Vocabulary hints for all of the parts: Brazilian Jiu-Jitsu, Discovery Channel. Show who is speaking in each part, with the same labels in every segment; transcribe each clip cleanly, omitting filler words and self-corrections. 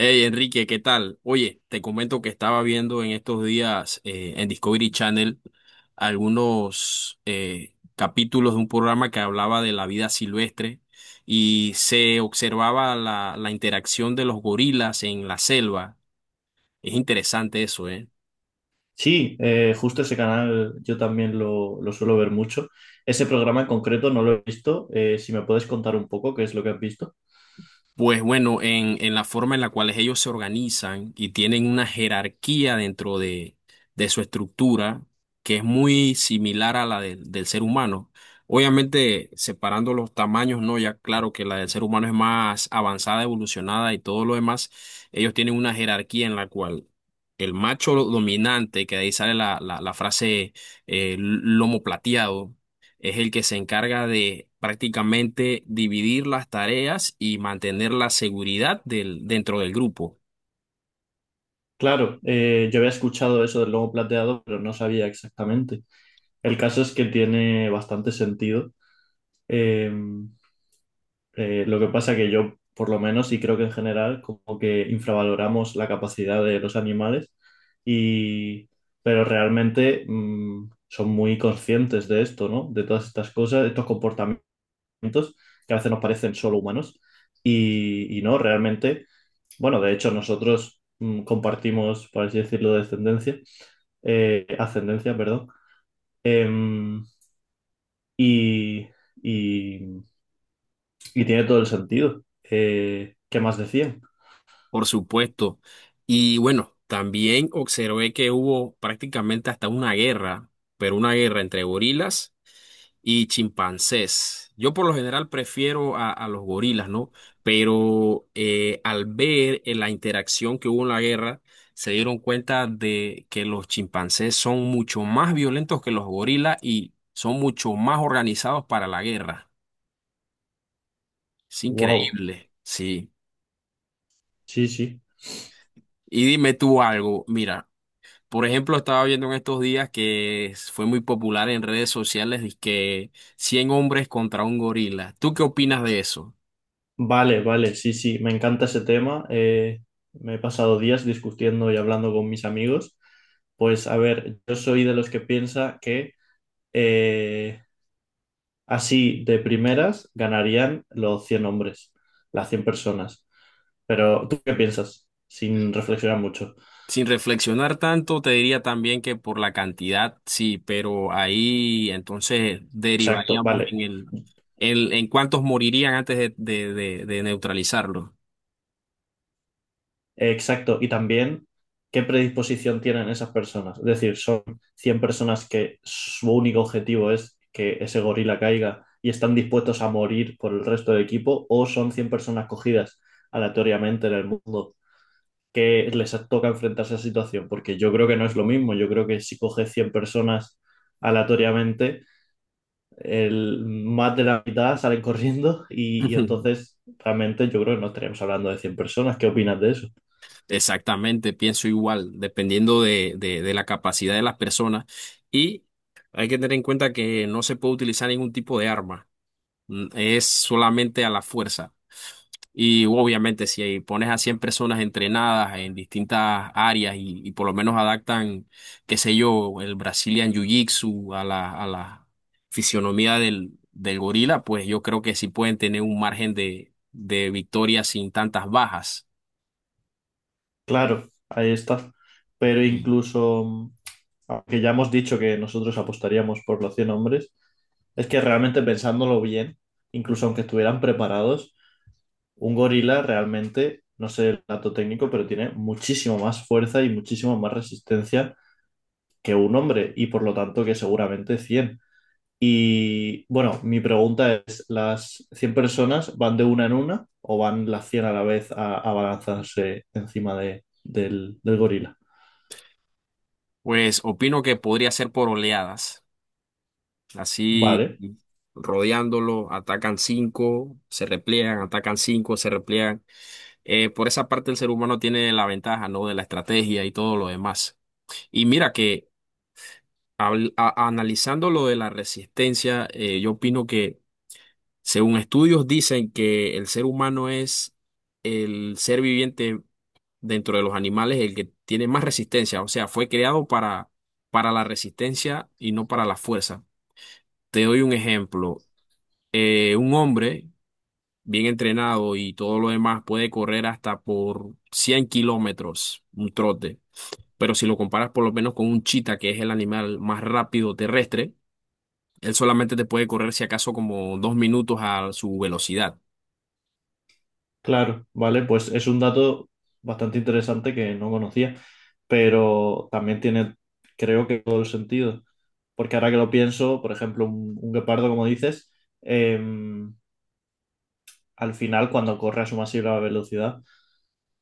Speaker 1: Hey Enrique, ¿qué tal? Oye, te comento que estaba viendo en estos días en Discovery Channel algunos capítulos de un programa que hablaba de la vida silvestre y se observaba la interacción de los gorilas en la selva. Es interesante eso, ¿eh?
Speaker 2: Sí, justo ese canal yo también lo suelo ver mucho. Ese programa en concreto no lo he visto. Si me puedes contar un poco qué es lo que has visto.
Speaker 1: Pues bueno, en la forma en la cual ellos se organizan y tienen una jerarquía dentro de su estructura, que es muy similar a la del ser humano. Obviamente, separando los tamaños, no, ya claro que la del ser humano es más avanzada, evolucionada y todo lo demás, ellos tienen una jerarquía en la cual el macho dominante, que de ahí sale la frase lomo plateado, es el que se encarga de prácticamente dividir las tareas y mantener la seguridad dentro del grupo,
Speaker 2: Claro, yo había escuchado eso del lomo plateado, pero no sabía exactamente. El caso es que tiene bastante sentido. Eh, lo que pasa que yo, por lo menos, y creo que en general, como que infravaloramos la capacidad de los animales, y, pero realmente son muy conscientes de esto, ¿no? De todas estas cosas, de estos comportamientos que a veces nos parecen solo humanos y no, realmente, bueno, de hecho nosotros compartimos, por así decirlo, descendencia, ascendencia, perdón, em, y, y- y tiene todo el sentido. ¿Qué más decían?
Speaker 1: por supuesto. Y bueno, también observé que hubo prácticamente hasta una guerra, pero una guerra entre gorilas y chimpancés. Yo por lo general prefiero a los gorilas, ¿no? Pero al ver en la interacción que hubo en la guerra, se dieron cuenta de que los chimpancés son mucho más violentos que los gorilas y son mucho más organizados para la guerra. Es
Speaker 2: Wow,
Speaker 1: increíble, sí.
Speaker 2: sí, sí.
Speaker 1: Y dime tú algo, mira, por ejemplo, estaba viendo en estos días que fue muy popular en redes sociales que 100 hombres contra un gorila. ¿Tú qué opinas de eso?
Speaker 2: Vale, vale, sí, sí, me encanta ese tema. Me he pasado días discutiendo y hablando con mis amigos. Pues a ver, yo soy de los que piensa que eh, así, de primeras, ganarían los 100 hombres, las 100 personas. Pero, ¿tú qué piensas? Sin reflexionar mucho.
Speaker 1: Sin reflexionar tanto, te diría también que por la cantidad, sí, pero ahí entonces
Speaker 2: Exacto,
Speaker 1: derivaríamos
Speaker 2: vale.
Speaker 1: en el, en cuántos morirían antes de neutralizarlo.
Speaker 2: Exacto. Y también, ¿qué predisposición tienen esas personas? Es decir, son 100 personas que su único objetivo es que ese gorila caiga y están dispuestos a morir por el resto del equipo, o son 100 personas cogidas aleatoriamente en el mundo que les toca enfrentarse a esa situación, porque yo creo que no es lo mismo, yo creo que si coges 100 personas aleatoriamente, el, más de la mitad salen corriendo y entonces realmente yo creo que no estaríamos hablando de cien personas, ¿qué opinas de eso?
Speaker 1: Exactamente, pienso igual, dependiendo de la capacidad de las personas. Y hay que tener en cuenta que no se puede utilizar ningún tipo de arma, es solamente a la fuerza. Y obviamente si pones a 100 personas entrenadas en distintas áreas y por lo menos adaptan, qué sé yo, el Brazilian Jiu-Jitsu a la fisionomía del gorila, pues yo creo que sí pueden tener un margen de victoria sin tantas bajas.
Speaker 2: Claro, ahí está, pero
Speaker 1: Sí.
Speaker 2: incluso, aunque ya hemos dicho que nosotros apostaríamos por los 100 hombres, es que realmente pensándolo bien, incluso aunque estuvieran preparados, un gorila realmente, no sé el dato técnico, pero tiene muchísimo más fuerza y muchísimo más resistencia que un hombre y por lo tanto que seguramente 100. Y bueno, mi pregunta es, ¿las 100 personas van de una en una o van las 100 a la vez a abalanzarse encima del gorila?
Speaker 1: Pues opino que podría ser por oleadas, así
Speaker 2: Vale.
Speaker 1: rodeándolo, atacan cinco, se repliegan, atacan cinco, se repliegan. Por esa parte el ser humano tiene la ventaja, ¿no? De la estrategia y todo lo demás. Y mira que analizando lo de la resistencia, yo opino que según estudios dicen que el ser humano es el ser viviente dentro de los animales el que tiene más resistencia. O sea, fue creado para, la resistencia y no para la fuerza. Te doy un ejemplo. Un hombre bien entrenado y todo lo demás puede correr hasta por 100 kilómetros, un trote. Pero si lo comparas por lo menos con un chita, que es el animal más rápido terrestre, él solamente te puede correr si acaso como 2 minutos a su velocidad.
Speaker 2: Claro, vale, pues es un dato bastante interesante que no conocía, pero también tiene, creo que todo el sentido, porque ahora que lo pienso, por ejemplo, un guepardo, como dices, em, al final cuando corre a su masiva velocidad,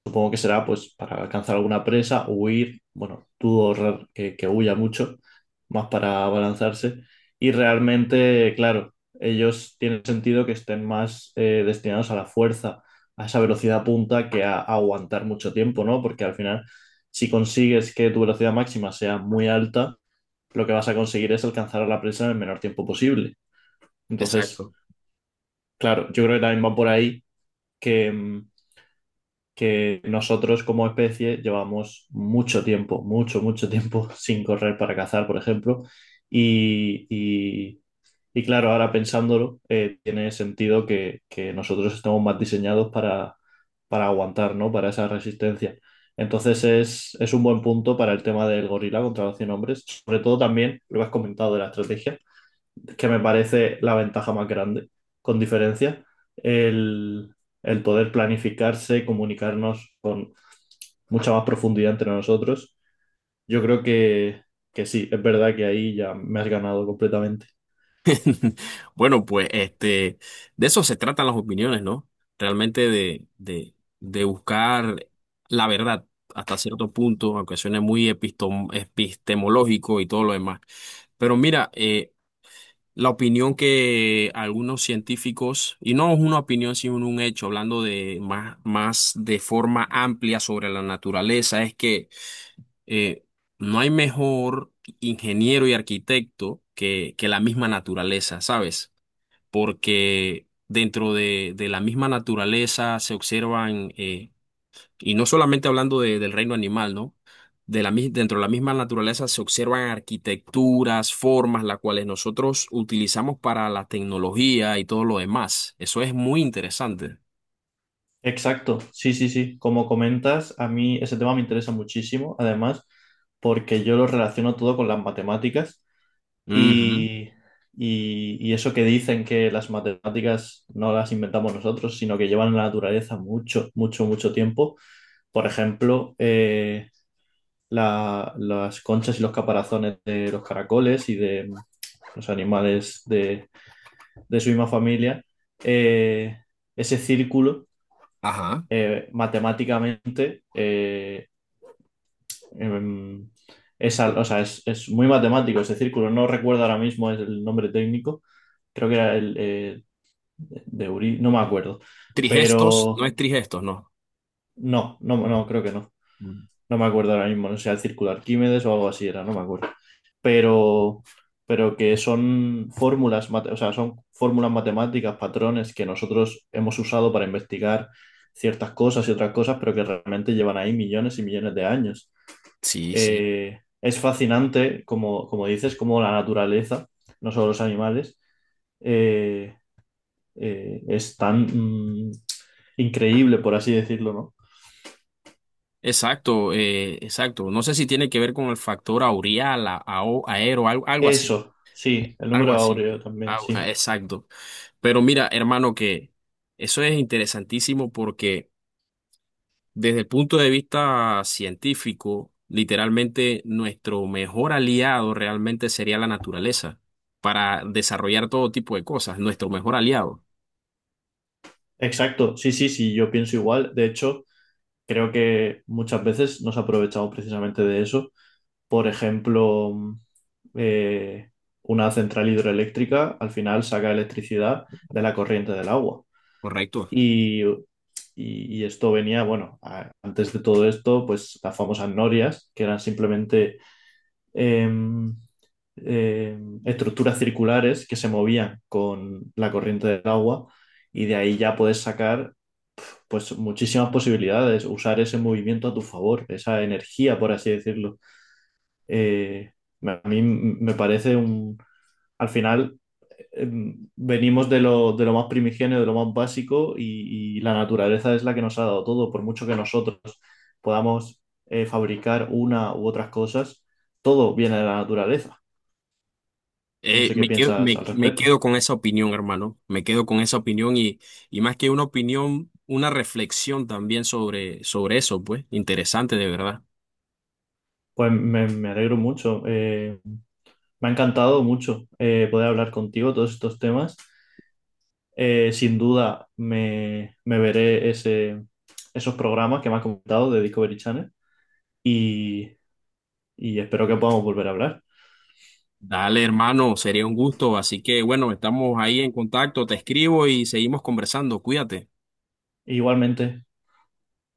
Speaker 2: supongo que será pues para alcanzar alguna presa, huir, bueno, que huya mucho, más para abalanzarse. Y realmente, claro, ellos tienen sentido que estén más destinados a la fuerza, a esa velocidad punta que a aguantar mucho tiempo, ¿no? Porque al final, si consigues que tu velocidad máxima sea muy alta, lo que vas a conseguir es alcanzar a la presa en el menor tiempo posible. Entonces,
Speaker 1: Exacto.
Speaker 2: claro, yo creo que también va por ahí que... mm, que nosotros como especie llevamos mucho tiempo, mucho, mucho tiempo sin correr para cazar, por ejemplo. Y, y- y claro, ahora pensándolo, tiene sentido que nosotros estamos más diseñados para aguantar, ¿no? Para esa resistencia. Entonces es un buen punto para el tema del gorila contra los 100 hombres, sobre todo también, lo has comentado de la estrategia, que me parece la ventaja más grande, con diferencia, el, el poder planificarse, comunicarnos con mucha más profundidad entre nosotros. Yo creo que sí, es verdad que ahí ya me has ganado completamente.
Speaker 1: Bueno, pues este, de eso se tratan las opiniones, ¿no? Realmente de buscar la verdad hasta cierto punto, aunque suene muy epistemológico y todo lo demás. Pero mira, la opinión que algunos científicos, y no es una opinión sino un hecho, hablando de más, más de forma amplia sobre la naturaleza, es que eh, no hay mejor ingeniero y arquitecto que la misma naturaleza, ¿sabes? Porque dentro de la misma naturaleza se observan y no solamente hablando del reino animal, ¿no? Dentro de la misma naturaleza se observan arquitecturas, formas, las cuales nosotros utilizamos para la tecnología y todo lo demás. Eso es muy interesante.
Speaker 2: Exacto, sí, sí, sí. Como comentas, a mí ese tema me interesa muchísimo, además, porque yo lo relaciono todo con las matemáticas.
Speaker 1: Ujú.
Speaker 2: Y, y eso que dicen que las matemáticas no las inventamos nosotros, sino que llevan en la naturaleza mucho, mucho, mucho tiempo. Por ejemplo, las conchas y los caparazones de los caracoles y de los animales de su misma familia, eh, ese círculo
Speaker 1: Ajá.
Speaker 2: matemáticamente em, o sea, es muy matemático ese círculo. No recuerdo ahora mismo el nombre técnico. Creo que era el de Uri, no me acuerdo.
Speaker 1: Trigestos, no
Speaker 2: Pero
Speaker 1: es trigestos, no.
Speaker 2: no, no, no, creo que no.
Speaker 1: Mm.
Speaker 2: No me acuerdo ahora mismo. No sé, el círculo de Arquímedes o algo así era, no me acuerdo. Pero, pero que son fórmulas, o sea, son fórmulas matemáticas, patrones que nosotros hemos usado para investigar ciertas cosas y otras cosas, pero que realmente llevan ahí millones y millones de años.
Speaker 1: Sí, sí.
Speaker 2: Es fascinante, como, como dices, cómo la naturaleza, no solo los animales, eh, es tan mm, increíble, por así decirlo, ¿no?
Speaker 1: Exacto, exacto. No sé si tiene que ver con el factor aureal, algo, algo así,
Speaker 2: Eso, sí, el
Speaker 1: algo
Speaker 2: número
Speaker 1: así.
Speaker 2: áureo también, sí.
Speaker 1: Exacto. Pero mira, hermano, que eso es interesantísimo porque desde el punto de vista científico, literalmente nuestro mejor aliado realmente sería la naturaleza para desarrollar todo tipo de cosas, nuestro mejor aliado,
Speaker 2: Exacto, sí, sí, sí, yo pienso igual. De hecho, creo que muchas veces nos aprovechamos precisamente de eso. Por ejemplo, eh, una central hidroeléctrica al final saca electricidad de la corriente del agua.
Speaker 1: ¿correcto?
Speaker 2: Y, y esto venía, bueno, antes de todo esto, pues las famosas norias, que eran simplemente em, estructuras circulares que se movían con la corriente del agua y de ahí ya puedes sacar pues muchísimas posibilidades, usar ese movimiento a tu favor, esa energía, por así decirlo. Eh, a mí me parece al final venimos de lo más primigenio, de lo más básico y la naturaleza es la que nos ha dado todo. Por mucho que nosotros podamos fabricar una u otras cosas, todo viene de la naturaleza. No sé qué
Speaker 1: Me quedo,
Speaker 2: piensas
Speaker 1: me,
Speaker 2: al
Speaker 1: me
Speaker 2: respecto.
Speaker 1: quedo con esa opinión, hermano, me quedo con esa opinión y más que una opinión, una reflexión también sobre eso, pues, interesante de verdad.
Speaker 2: Pues me alegro mucho. Me ha encantado mucho poder hablar contigo todos estos temas. Sin duda me veré esos programas que me has comentado de Discovery Channel y, y espero que podamos volver a hablar.
Speaker 1: Dale, hermano, sería un gusto, así que bueno, estamos ahí en contacto, te escribo y seguimos conversando, cuídate.
Speaker 2: Igualmente.